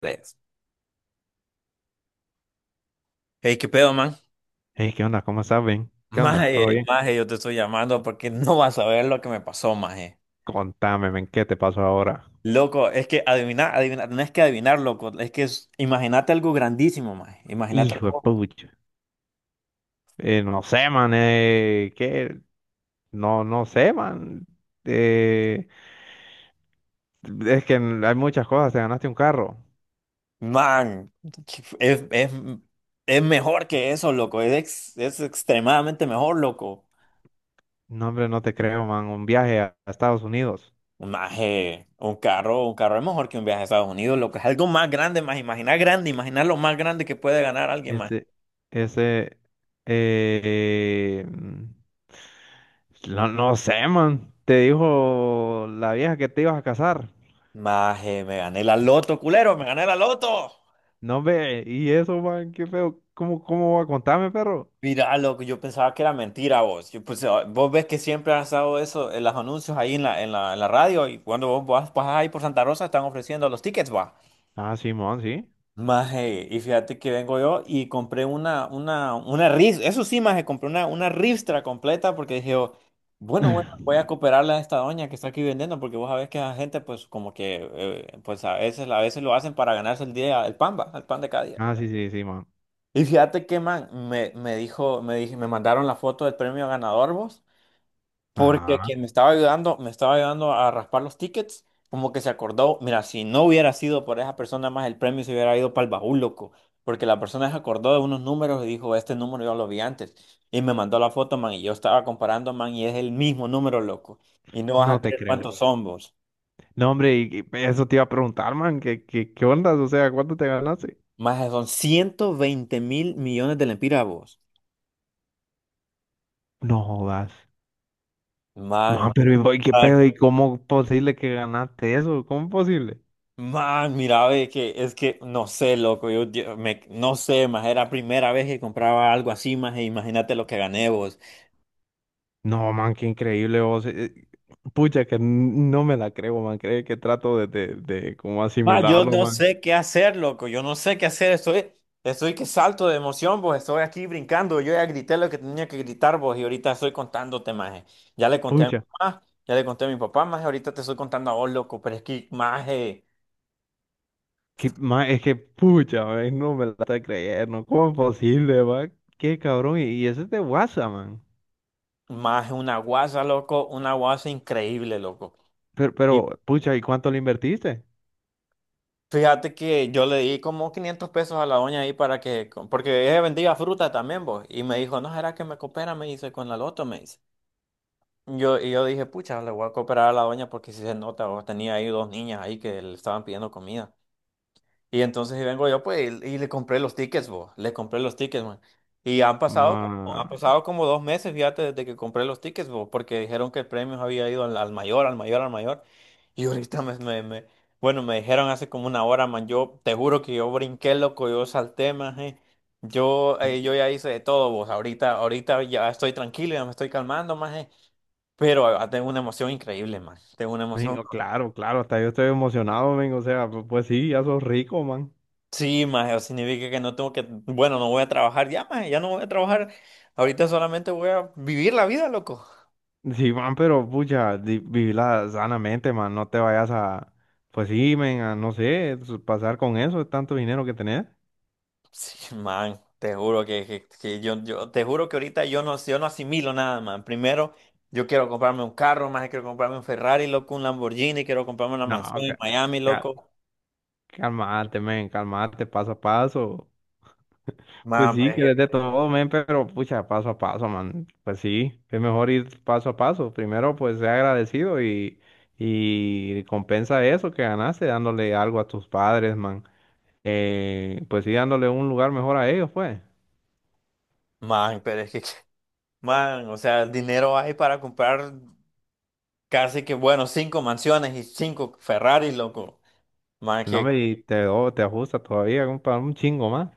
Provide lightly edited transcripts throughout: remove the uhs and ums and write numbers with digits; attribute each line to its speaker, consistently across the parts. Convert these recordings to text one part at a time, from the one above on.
Speaker 1: Tres. Hey, ¿qué pedo, man?
Speaker 2: Hey, ¿qué onda? ¿Cómo estás, Ben? ¿Qué onda? ¿Todo
Speaker 1: Maje,
Speaker 2: bien?
Speaker 1: maje, yo te estoy llamando porque no vas a ver lo que me pasó, maje.
Speaker 2: Contame, men, ¿qué te pasó ahora?
Speaker 1: Loco, es que adivinar, adivinar, no es que adivinar, loco, imagínate algo grandísimo, maje. Imagínate
Speaker 2: Hijo de
Speaker 1: algo,
Speaker 2: pucha. No sé, man, ¿qué? No, no sé, man. Eh, es que hay muchas cosas, te ganaste un carro.
Speaker 1: man, es, es, es mejor que eso, loco, es extremadamente mejor, loco.
Speaker 2: No, hombre, no te creo, man, un viaje a Estados Unidos.
Speaker 1: Maje, un carro es mejor que un viaje a Estados Unidos, loco, es algo más grande, maje. Imaginar grande, imaginar lo más grande que puede ganar alguien, maje.
Speaker 2: Ese, ese, eh, mm, no, no sé, man. Te dijo la vieja que te ibas a casar.
Speaker 1: Maje, me gané la loto, culero, me gané la loto.
Speaker 2: No, ve, y eso, man, qué feo. ¿Cómo va? Contame, perro.
Speaker 1: Mira, loco, yo pensaba que era mentira vos. Yo, pues, ah, vos ves que siempre han estado eso en los anuncios ahí en la radio y cuando vos vas, pasas ahí por Santa Rosa están ofreciendo los tickets, va.
Speaker 2: Ah, Simón, sí.
Speaker 1: Maje, y fíjate que vengo yo y compré eso sí, maje, compré una ristra completa porque dije, yo, bueno, voy a cooperarle a esta doña que está aquí vendiendo porque vos sabés que la gente pues como que, pues a veces lo hacen para ganarse el día, el pan, va, el pan de cada día.
Speaker 2: Ah, sí, sí, sí, man.
Speaker 1: Y fíjate que, man, me dijo, me dije, me mandaron la foto del premio ganador, vos, porque
Speaker 2: Ajá,
Speaker 1: quien me estaba ayudando a raspar los tickets, como que se acordó, mira, si no hubiera sido por esa persona más el premio se hubiera ido para el baúl, loco, porque la persona se acordó de unos números y dijo, este número yo lo vi antes, y me mandó la foto, man, y yo estaba comparando, man, y es el mismo número, loco, y no vas
Speaker 2: no
Speaker 1: a
Speaker 2: te
Speaker 1: creer
Speaker 2: creo.
Speaker 1: cuántos son, vos,
Speaker 2: No, hombre, y eso te iba a preguntar, man, ¿qué ondas? O sea, ¿cuánto te ganaste?
Speaker 1: más son 120,000,000,000 lempiras, vos,
Speaker 2: No jodas.
Speaker 1: man.
Speaker 2: Man, pero ¿y voy, qué pedo? ¿Y cómo posible que ganaste eso? ¿Cómo posible?
Speaker 1: Man, mira, ve que es que no sé, loco, no sé, más era la primera vez que compraba algo así, más imagínate lo que gané vos.
Speaker 2: No, man, qué increíble vos. Pucha, que no me la creo, man. Cree que trato de como
Speaker 1: Más, yo
Speaker 2: asimilarlo,
Speaker 1: no
Speaker 2: man.
Speaker 1: sé qué hacer, loco, yo no sé qué hacer, estoy que salto de emoción, vos, estoy aquí brincando, yo ya grité lo que tenía que gritar, vos, y ahorita estoy contándote, más. Ya le conté a mi
Speaker 2: Pucha.
Speaker 1: mamá, ya le conté a mi papá, más ahorita te estoy contando a vos, loco, pero es que más,
Speaker 2: Es que, pucha, man, no me la está creyendo. ¿Cómo es posible, man? Qué cabrón. Y ese es de WhatsApp, man.
Speaker 1: más una guasa, loco, una guasa increíble, loco.
Speaker 2: Pucha, ¿y cuánto le invertiste?
Speaker 1: Fíjate que yo le di como 500 pesos a la doña ahí para que, porque ella vendía fruta también, vos. Y me dijo, no, ¿será que me coopera? Me dice, con la loto, me dice. Yo, y yo dije, pucha, le voy a cooperar a la doña porque si se nota, vos tenía ahí dos niñas ahí que le estaban pidiendo comida. Y entonces y vengo yo, pues, y le compré los tickets, vos. Le compré los tickets, man. Y han pasado,
Speaker 2: Ma,
Speaker 1: han pasado como 2 meses, fíjate, desde que compré los tickets, vos, porque dijeron que el premio había ido al, al mayor, al mayor. Y ahorita bueno, me dijeron hace como una hora, man. Yo te juro que yo brinqué, loco, yo salté, man. Yo, yo ya hice de todo, vos. Ahorita ya estoy tranquilo, ya me estoy calmando, man. Pero tengo una emoción increíble, man. Tengo una
Speaker 2: Men,
Speaker 1: emoción.
Speaker 2: oh, claro, claro, hasta yo estoy emocionado, men. O sea, pues, sí, ya sos rico, man.
Speaker 1: Sí, maje, o significa que no tengo que, bueno, no voy a trabajar ya, maje, ya no voy a trabajar. Ahorita solamente voy a vivir la vida, loco.
Speaker 2: Sí, man, pero, pucha, vivila sanamente, man. No te vayas a, pues sí, men, a, no sé, pasar con eso, tanto dinero que tenés.
Speaker 1: Sí, man, te juro que te juro que ahorita yo no asimilo nada, man. Primero, yo quiero comprarme un carro, maje, quiero comprarme un Ferrari, loco, un Lamborghini, quiero comprarme una mansión
Speaker 2: No,
Speaker 1: en
Speaker 2: ca-
Speaker 1: Miami,
Speaker 2: ca-
Speaker 1: loco.
Speaker 2: calmate, men, calmate, paso a paso. Pues
Speaker 1: Man, pero
Speaker 2: sí,
Speaker 1: es
Speaker 2: que
Speaker 1: que,
Speaker 2: de todo, men, pero pucha, paso a paso, man. Pues sí, es mejor ir paso a paso. Primero, pues sea agradecido y compensa eso que ganaste dándole algo a tus padres, man. Pues sí, dándole un lugar mejor a ellos, pues.
Speaker 1: man, pero es que, man, o sea, el dinero hay para comprar casi que, bueno, cinco mansiones y cinco Ferraris, loco. Man,
Speaker 2: No me te, te ajusta todavía un chingo más.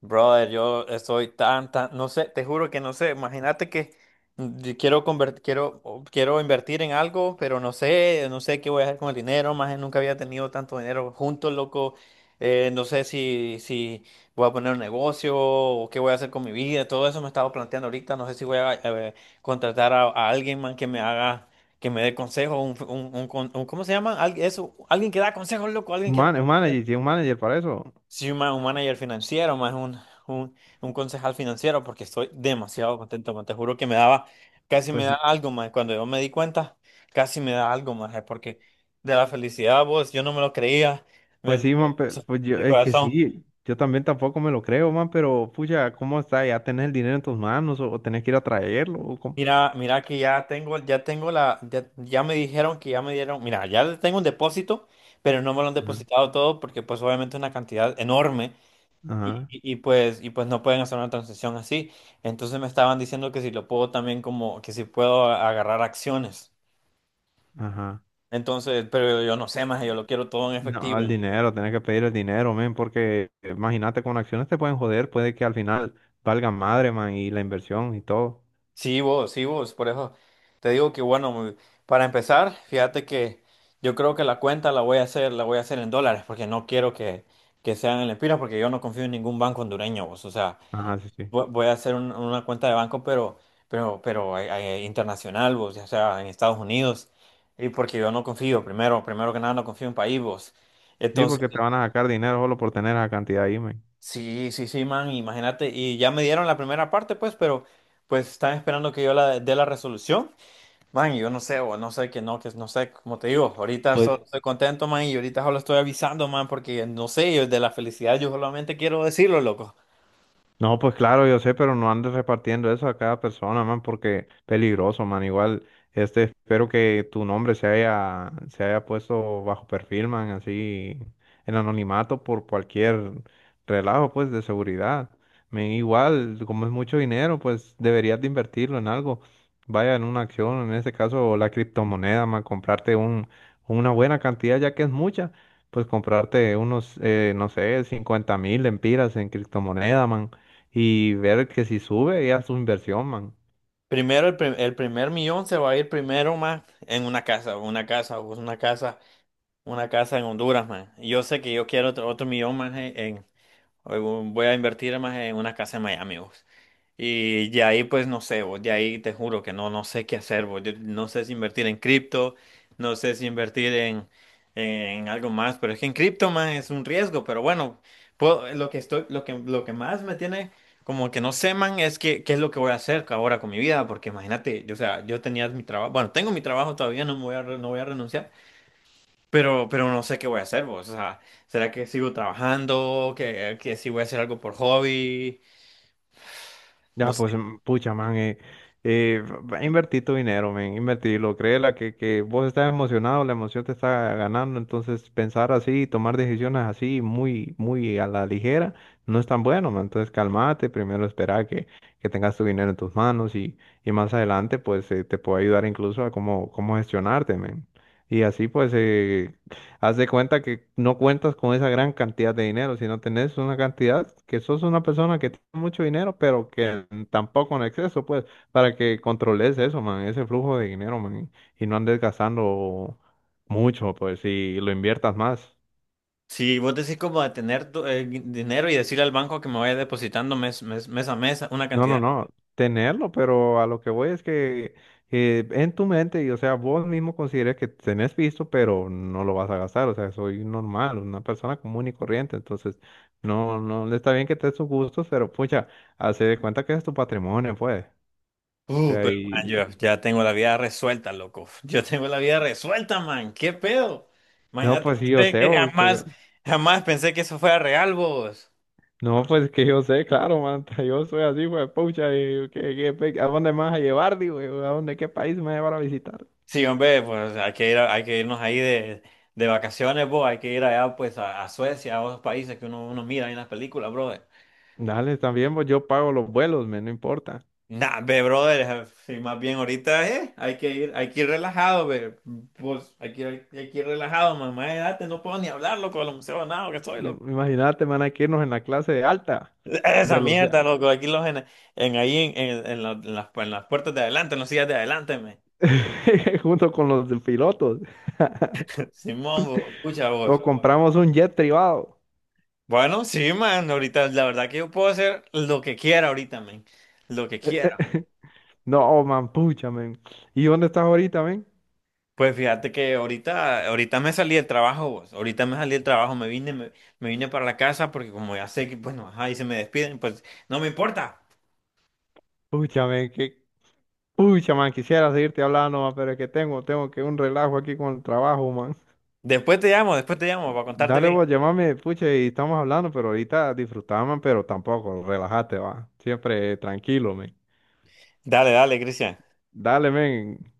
Speaker 1: brother, yo estoy tan, no sé, te juro que no sé. Imagínate que yo quiero conver- quiero, o- quiero invertir en algo, pero no sé, no sé qué voy a hacer con el dinero. Más nunca había tenido tanto dinero juntos loco. No sé si voy a poner un negocio o qué voy a hacer con mi vida. Todo eso me estaba planteando ahorita. No sé si voy a contratar a alguien, man, que me haga, que me dé consejos. ¿Cómo se llama? Eso, alguien que da consejos, loco, alguien que da.
Speaker 2: Un manager, sí, un manager para eso.
Speaker 1: Sí, un manager financiero, más un, un concejal financiero, porque estoy demasiado contento, man. Te juro que me daba, casi me
Speaker 2: Pues
Speaker 1: da
Speaker 2: sí,
Speaker 1: algo más. Cuando yo me di cuenta, casi me da algo más, porque de la felicidad, vos, yo no me lo creía. Me-
Speaker 2: man, pues yo,
Speaker 1: el
Speaker 2: es que
Speaker 1: corazón.
Speaker 2: sí. Yo también tampoco me lo creo, man, pero pucha, ¿cómo está? ¿Ya tenés el dinero en tus manos o tenés que ir a traerlo? ¿O cómo?
Speaker 1: Mira, mira que ya tengo la, ya, ya me dijeron que ya me dieron, mira, ya tengo un depósito, pero no me lo han depositado todo porque pues obviamente es una cantidad enorme.
Speaker 2: Ajá,
Speaker 1: Y pues no pueden hacer una transición así. Entonces me estaban diciendo que si lo puedo también como, que si puedo a- agarrar acciones.
Speaker 2: ajá.
Speaker 1: Entonces, pero yo no sé más, yo lo quiero todo en
Speaker 2: No, el
Speaker 1: efectivo.
Speaker 2: dinero, tenés que pedir el dinero, men, porque imagínate, con acciones te pueden joder, puede que al final valga madre, man, y la inversión y todo.
Speaker 1: Sí, vos, por eso te digo que bueno, para empezar, fíjate que yo creo que la voy a hacer en dólares, porque no quiero que sean en lempiras, porque yo no confío en ningún banco hondureño, vos. O sea,
Speaker 2: Ajá, sí, sí.
Speaker 1: voy a hacer una cuenta de banco, pero internacional, vos, o sea, en Estados Unidos. Y porque yo no confío, primero que nada, no confío en país, vos.
Speaker 2: Sí,
Speaker 1: Entonces,
Speaker 2: porque te van a sacar dinero solo por tener esa cantidad ahí, men.
Speaker 1: sí, man, imagínate. Y ya me dieron la primera parte, pues, pero pues están esperando que yo la dé la resolución. Man, y yo no sé, o no sé que no sé, como te digo,
Speaker 2: Pues
Speaker 1: estoy contento, man, y ahorita solo estoy avisando, man, porque no sé, yo de la felicidad yo solamente quiero decirlo, loco.
Speaker 2: no, pues claro, yo sé, pero no andes repartiendo eso a cada persona, man, porque peligroso, man. Igual, este, espero que tu nombre se haya puesto bajo perfil, man, así, en anonimato por cualquier relajo, pues, de seguridad. Igual, como es mucho dinero, pues, deberías de invertirlo en algo. Vaya en una acción, en este caso, la criptomoneda, man, comprarte una buena cantidad, ya que es mucha, pues, comprarte unos, no sé, 50 mil lempiras en criptomoneda, man, y ver que si sube ya su inversión, man.
Speaker 1: Primero, el primer millón se va a ir primero, más en una casa, una casa en Honduras, man. Y yo sé que yo quiero otro millón más voy a invertir más en una casa en Miami, pues. Y ya ahí, pues no sé, vos, ya ahí te juro que no sé qué hacer, vos. Yo no sé si invertir en cripto, no sé si invertir en algo más, pero es que en cripto más es un riesgo, pero bueno, lo que estoy, lo que más me tiene como que no sé, man, es que qué es lo que voy a hacer ahora con mi vida, porque imagínate, yo, o sea, yo tenía mi trabajo, bueno, tengo mi trabajo todavía, no me voy a, re- no voy a renunciar, pero no sé qué voy a hacer, vos, o sea, ¿será que sigo trabajando? Que si voy a hacer algo por hobby? No
Speaker 2: Ya, pues,
Speaker 1: sé.
Speaker 2: pucha, man, eh, invertí tu dinero, man, invertirlo. Créela que vos estás emocionado, la emoción te está ganando, entonces pensar así, tomar decisiones así, muy, muy a la ligera, no es tan bueno, man. Entonces, calmate, primero espera que tengas tu dinero en tus manos y más adelante, pues, te puede ayudar incluso a cómo gestionarte, man. Y así, pues, haz de cuenta que no cuentas con esa gran cantidad de dinero, sino tenés una cantidad que sos una persona que tiene mucho dinero, pero que tampoco en exceso, pues, para que controles eso, man, ese flujo de dinero, man, y no andes gastando mucho, pues, y lo inviertas más.
Speaker 1: Si vos decís como de tener dinero y decirle al banco que me vaya depositando mes a mes una
Speaker 2: No,
Speaker 1: cantidad.
Speaker 2: no, no, tenerlo, pero a lo que voy es que en tu mente, y o sea, vos mismo consideres que tenés visto, pero no lo vas a gastar, o sea, soy normal, una persona común y corriente, entonces, no, no, no está bien que te des tus gustos, pero pucha, hace de cuenta que es tu patrimonio, pues, o sea,
Speaker 1: Pero man,
Speaker 2: y,
Speaker 1: yo ya tengo la vida resuelta, loco. Yo tengo la vida resuelta, man. ¿Qué pedo?
Speaker 2: no,
Speaker 1: Imagínate
Speaker 2: pues sí, yo
Speaker 1: pensé
Speaker 2: sé,
Speaker 1: que
Speaker 2: o sea,
Speaker 1: jamás, jamás pensé que eso fuera real, vos.
Speaker 2: no, pues que yo sé, claro, manta, yo soy así, pues, pucha, ¿a dónde me vas a llevar, digo, yo? ¿A dónde, qué país me vas a llevar a visitar?
Speaker 1: Sí, hombre, pues hay que ir, hay que irnos ahí de vacaciones, vos. Hay que ir allá, pues, a Suecia, a otros países que uno mira ahí en las películas, bro.
Speaker 2: Dale, también, pues yo pago los vuelos, me no importa.
Speaker 1: Nah, ve, brother, si más bien ahorita hay que ir relajado, ve, pues, hay que ir relajado, mamá, de edad, no puedo ni hablar, loco, de los museos, nada, que estoy, loco.
Speaker 2: Imagínate, van a que irnos en la clase de alta,
Speaker 1: Esa
Speaker 2: de los
Speaker 1: mierda,
Speaker 2: ya-
Speaker 1: loco, aquí los en ahí, en la- en las puertas de adelante, en las sillas de adelante, me.
Speaker 2: junto con los de pilotos.
Speaker 1: Simón, vos, escucha
Speaker 2: O
Speaker 1: vos.
Speaker 2: compramos un jet privado.
Speaker 1: Bueno, sí, man, ahorita, la verdad que yo puedo hacer lo que quiera ahorita, man, lo que quiera.
Speaker 2: No, man, pucha, man. ¿Y dónde estás ahorita, man?
Speaker 1: Pues fíjate que ahorita me salí del trabajo, vos. Ahorita me salí del trabajo, me vine para la casa porque como ya sé que, bueno, ajá, y se me despiden, pues no me importa.
Speaker 2: Pucha, man, quisiera seguirte hablando, man, pero es que tengo que un relajo aquí con el trabajo, man.
Speaker 1: Después te llamo para contarte
Speaker 2: Dale
Speaker 1: bien.
Speaker 2: vos, llámame pucha, y estamos hablando, pero ahorita disfrutá, man, pero tampoco, relájate, va. Siempre tranquilo, man.
Speaker 1: Dale, dale, Cristian.
Speaker 2: Dale, man.